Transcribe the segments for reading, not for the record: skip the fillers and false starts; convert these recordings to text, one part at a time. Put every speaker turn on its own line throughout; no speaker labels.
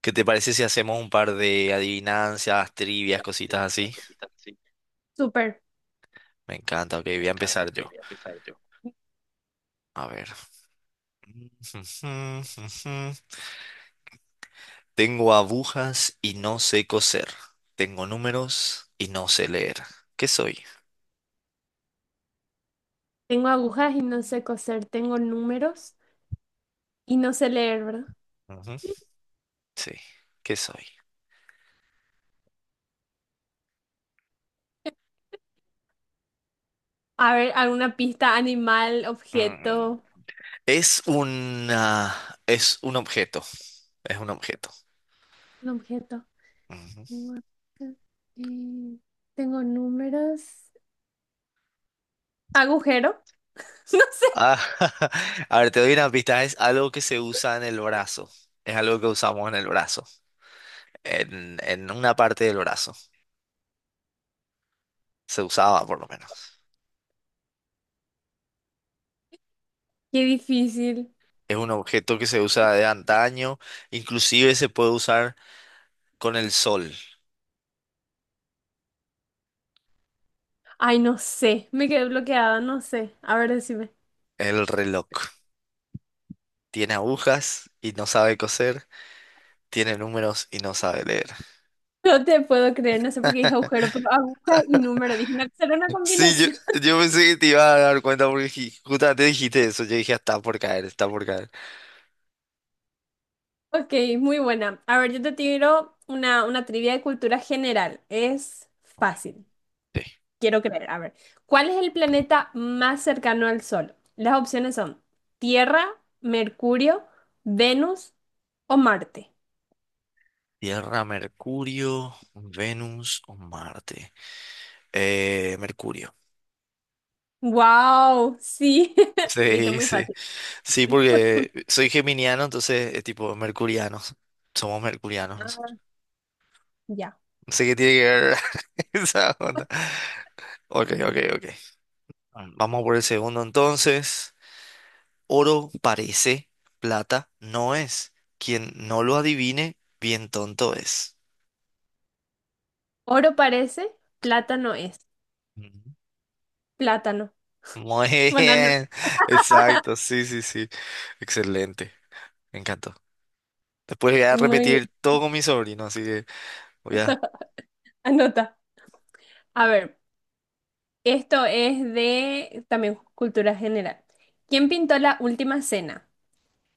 ¿Qué te parece si hacemos un par de adivinanzas, trivias, cositas así?
Súper.
Me encanta, ok, voy a empezar yo. A ver. Tengo agujas y no sé coser. Tengo números y no sé leer. ¿Qué soy?
Tengo agujas y no sé coser, tengo números y no sé leer, ¿verdad?
Ujú. Sí, ¿qué soy?
A ver, alguna pista, animal,
Mm.
objeto.
Es una, es un objeto, es un objeto.
Un objeto.
Ujú.
Un objeto. Eh, Tengo números. Agujero. No sé.
Ah, a ver, te doy una pista, es algo que se usa en el brazo. Es algo que usamos en el brazo. En una parte del brazo. Se usaba por lo menos.
Qué difícil.
Es un objeto que se usa de antaño, inclusive se puede usar con el sol,
Ay, no sé. Me quedé bloqueada, no sé. A ver, decime.
el reloj. Tiene agujas y no sabe coser, tiene números y no sabe leer.
No te puedo creer, no sé por qué dije agujero, pero aguja y número. Dije, no, será una
Sí,
combinación.
yo pensé que te iba a dar cuenta porque justamente dijiste eso. Yo dije, "Ah, está por caer, está por caer.
Ok, muy buena. A ver, yo te tiro una trivia de cultura general. Es
Ok,
fácil,
sí.
quiero creer. A ver, ¿cuál es el planeta más cercano al Sol? Las opciones son Tierra, Mercurio, Venus o Marte.
Tierra, Mercurio, Venus o Marte. Mercurio.
¡Wow! Sí, viste,
Sí,
muy
sí.
fácil.
Sí, porque soy geminiano, entonces es tipo mercurianos. Somos mercurianos
Ah,
nosotros.
ya.
No sé qué tiene que ver esa onda. Ok, ok, ok. Vamos por el segundo entonces. Oro parece, plata no es. Quien no lo adivine, bien tonto es.
Oro parece, plátano es.
Ujú.
Plátano.
Muy
Banana.
bien. Exacto, sí, sí, sí. Excelente. Me encantó. Después voy a
Muy bien,
repetir todo con mi sobrino, así que voy a...
anota. A ver. Esto es de también cultura general. ¿Quién pintó la última cena?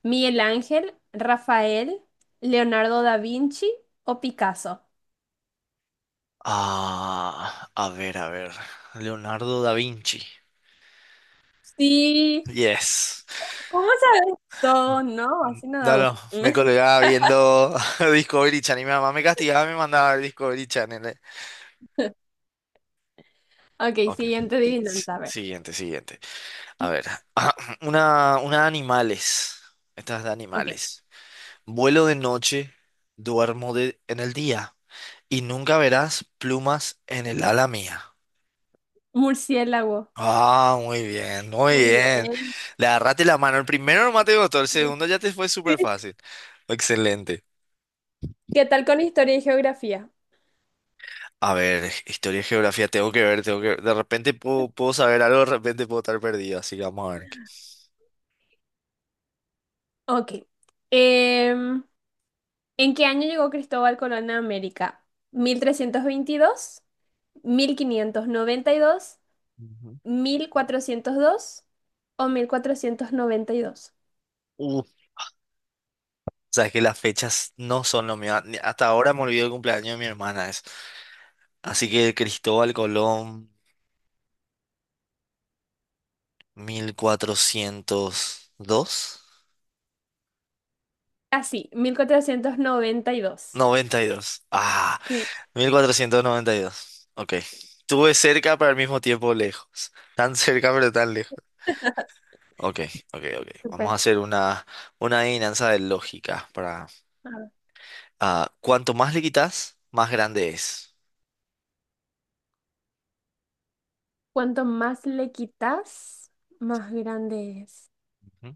¿Miguel Ángel, Rafael, Leonardo da Vinci o Picasso?
A ver, a ver. Leonardo da Vinci.
Sí,
Yes.
¿cómo sabes todo? No, así no da
No, no,
gusto.
me colgaba viendo Discovery Channel y mi mamá me castigaba, me mandaba a ver Discovery Channel.
Ok,
Ok.
siguiente adivinanza, a ver.
Siguiente, siguiente. A ver, una de animales. Esta es de
Ok,
animales. Vuelo de noche, duermo de, en el día y nunca verás plumas en el ala mía.
murciélago.
Ah, muy bien, muy
Muy
bien.
bien.
Le agarraste la mano. El primero nomás te costó, el segundo ya te fue
Sí.
súper fácil. Excelente.
¿Qué tal con historia y geografía?
A ver, historia y geografía, tengo que ver, tengo que ver. De repente puedo, puedo saber algo, de repente puedo estar perdido, así que vamos a ver.
Ok. Em, ¿En qué año llegó Cristóbal Colón a América? ¿1322? Mil quinientos noventa y dos,
Ujú.
mil cuatrocientos dos o mil cuatrocientos noventa y dos.
Uh, sabes que las fechas no son lo mío. Hasta ahora me olvidé el cumpleaños de mi hermana. Es. Así que Cristóbal Colón, 1402,
Así, 1492.
92. Ah,
Sí.
1492, ok. Tuve cerca, pero al mismo tiempo lejos. Tan cerca, pero tan lejos. Ok, ok, ok. Vamos a
Súper.
hacer una adivinanza de lógica para...
A ver,
cuanto más le quitas, más grande es.
cuanto más le quitas, más grande es.
Ujú.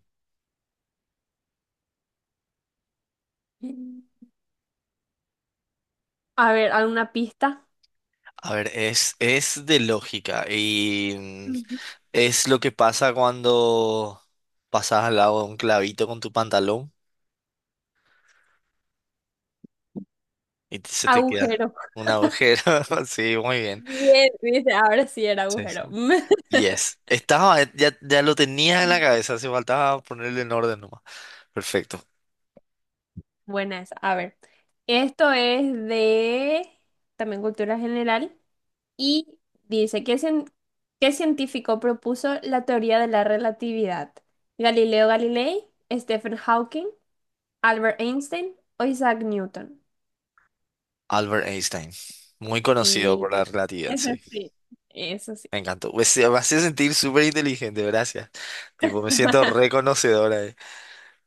Mm. A ver, ¿alguna pista?
A ver, es de lógica y
Ujú.
es lo que pasa cuando pasas al lado de un clavito con tu pantalón y se te queda
Agujero.
un agujero. Sí, muy bien.
Bien, dice, ahora sí era
Sí, sí.
agujero.
Yes. Estaba, ya lo tenías en la
Mm.
cabeza, hace faltaba ponerle en orden nomás. Perfecto.
Buena esa. A ver, esto es de también cultura general. Y dice, ¿qué científico propuso la teoría de la relatividad? ¿Galileo Galilei, Stephen Hawking, Albert Einstein o Isaac Newton?
Albert Einstein. Muy conocido por
Sí,
la relatividad,
eso
sí.
sí, eso sí.
Me encantó. Pues, me hace sentir súper inteligente, gracias. Tipo, me siento reconocedora.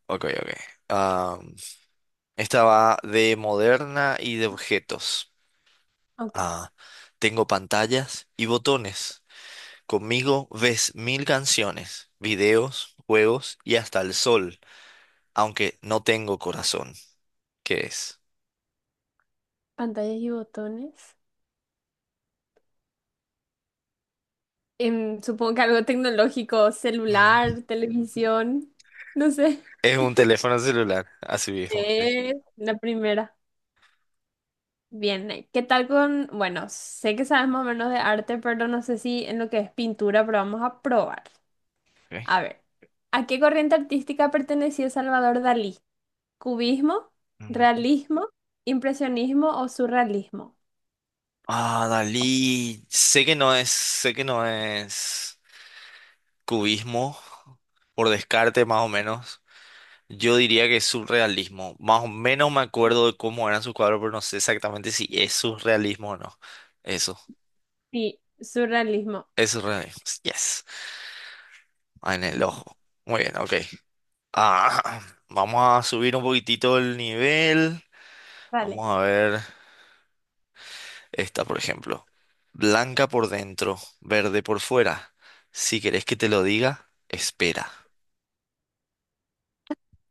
Ok, ok. Am, Esta va de moderna y de objetos.
Ok,
Ah, Tengo pantallas y botones. Conmigo ves 1000 canciones, videos, juegos y hasta el sol, aunque no tengo corazón. ¿Qué es?
pantallas y botones. Supongo que algo tecnológico,
Mm.
celular, televisión, no sé.
Es un teléfono celular, así mismo. Sí.
La primera. Bien, ¿qué tal con, bueno, sé que sabes más o menos de arte, pero no sé si en lo que es pintura, pero vamos a probar. A
Ok.
ver, ¿a qué corriente artística pertenecía Salvador Dalí? ¿Cubismo,
Mm.
realismo, impresionismo o surrealismo?
Ah, Dalí, sé que no es, sé que no es cubismo, por descarte más o menos. Yo diría que es surrealismo. Más o menos me acuerdo de cómo eran sus cuadros, pero no sé exactamente si es surrealismo o no. Eso.
Sí, surrealismo.
Es re- Yes. En el
Y-
ojo. Muy bien, ok. Ah, Vamos a subir un poquitito el nivel.
Vale.
Vamos a ver esta, por ejemplo. Blanca por dentro, verde por fuera. Si querés que te lo diga, espera.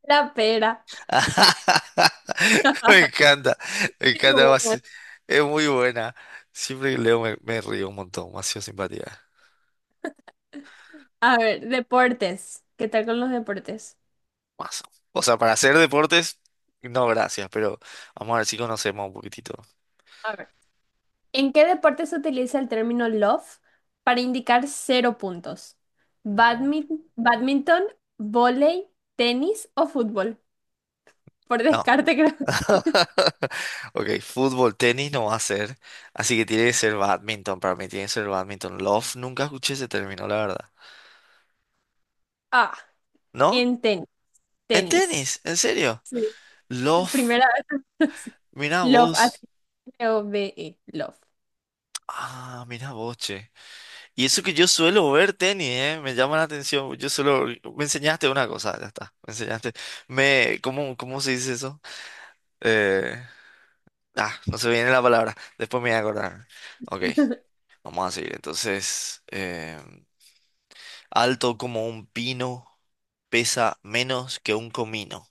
La pera.
Me encanta, me encanta.
Pero
Macio.
bueno.
Es muy buena. Siempre que leo me, me río un montón. Más simpatía.
A ver, deportes. ¿Qué tal con los deportes?
Mazo. O sea, para hacer deportes, no gracias, pero vamos a ver si conocemos un poquitito.
¿En qué deporte se utiliza el término love para indicar cero puntos?
No.
¿Badminton, vóley, tenis o fútbol? Por
No.
descarte creo.
Ok, fútbol, tenis no va a ser. Así que tiene que ser badminton. Para mí tiene que ser badminton. Love, nunca escuché ese término, la verdad.
Ah,
¿No?
en tenis.
¿En
Tenis.
tenis? ¿En serio?
Sí.
Love.
Primera vez.
Mira
Love,
vos.
HOVE. Love.
Ah, mira vos, che. Y eso que yo suelo ver tenis, me llama la atención. Yo solo me enseñaste una cosa, ya está. Me enseñaste. Me, ¿cómo, cómo se dice eso? Eh, no se viene la palabra. Después me voy a acordar. Ok, vamos a seguir. Entonces, alto como un pino, pesa menos que un comino.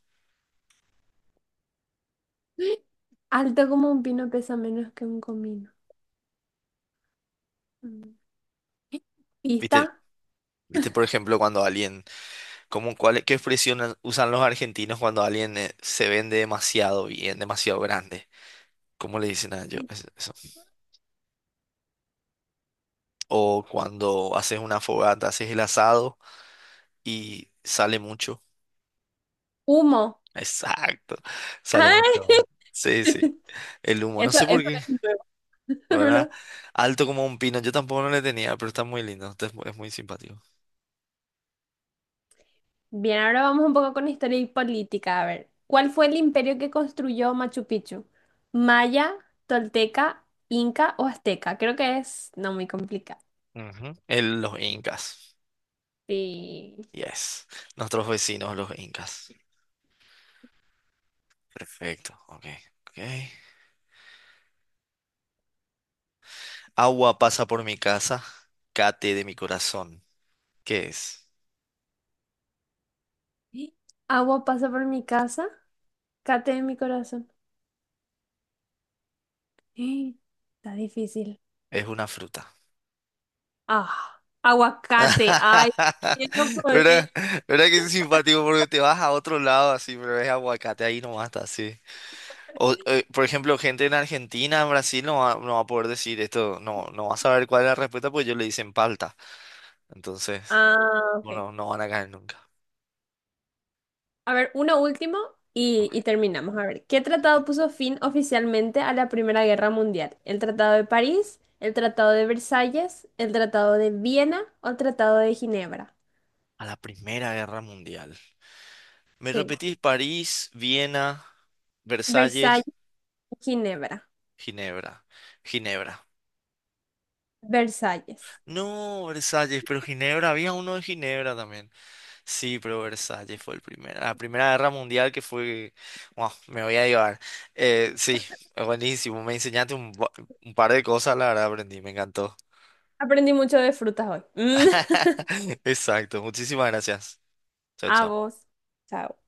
Alto como un pino, pesa menos que un comino. Mm.
¿Viste?
Pista.
¿Viste, por ejemplo, cuando alguien, como cuál, qué expresión usan los argentinos cuando alguien se vende demasiado bien, demasiado grande? ¿Cómo le dicen a ellos eso? O cuando haces una fogata, haces el asado y sale mucho.
Humo.
Exacto, sale mucho.
Ay,
Humo. Sí, sí, el humo, no
Eso,
sé por
eso
qué,
es nuevo,
¿verdad?
¿verdad?
Alto como un pino, yo tampoco no le tenía, pero está muy lindo, es muy simpático.
Bien, ahora vamos un poco con historia y política. A ver, ¿cuál fue el imperio que construyó Machu Picchu? ¿Maya, Tolteca, Inca o Azteca? Creo que es no muy complicado.
Ujú. Los incas.
Sí.
Yes. Nuestros vecinos, los incas. Perfecto. Ok. Ok. Agua pasa por mi casa. Cate de mi corazón. ¿Qué es?
Agua pasa por mi casa, cate de mi corazón. Está difícil.
Es una fruta.
Ah, aguacate. Ay, no podré.
¿Verdad? ¿Verdad que es simpático? Porque te vas a otro lado así, pero es aguacate, ahí nomás está así. O, por ejemplo, gente en Argentina, en Brasil, no va, no va a poder decir esto, no, no va a saber cuál es la respuesta, porque ellos le dicen palta. Entonces,
Ah, ok.
bueno, no van a caer nunca.
A ver, uno último y,
Ok.
y terminamos. A ver, ¿qué tratado puso fin oficialmente a la Primera Guerra Mundial? ¿El Tratado de París, el Tratado de Versalles, el Tratado de Viena o el Tratado de Ginebra?
A la Primera Guerra Mundial. Me
Sí.
repetís París, Viena,
Versalles,
Versalles,
Ginebra,
Ginebra. Ginebra.
Versalles.
No, Versalles, pero Ginebra, había uno de Ginebra también. Sí, pero Versalles fue el primero. La Primera Guerra Mundial que fue... Wow, me voy a llevar. Sí, es buenísimo. Me enseñaste un, un par de cosas, la verdad aprendí, me encantó.
Aprendí mucho de frutas hoy. Mm.
Exacto, muchísimas gracias. Chao,
A
chao.
vos. Chao.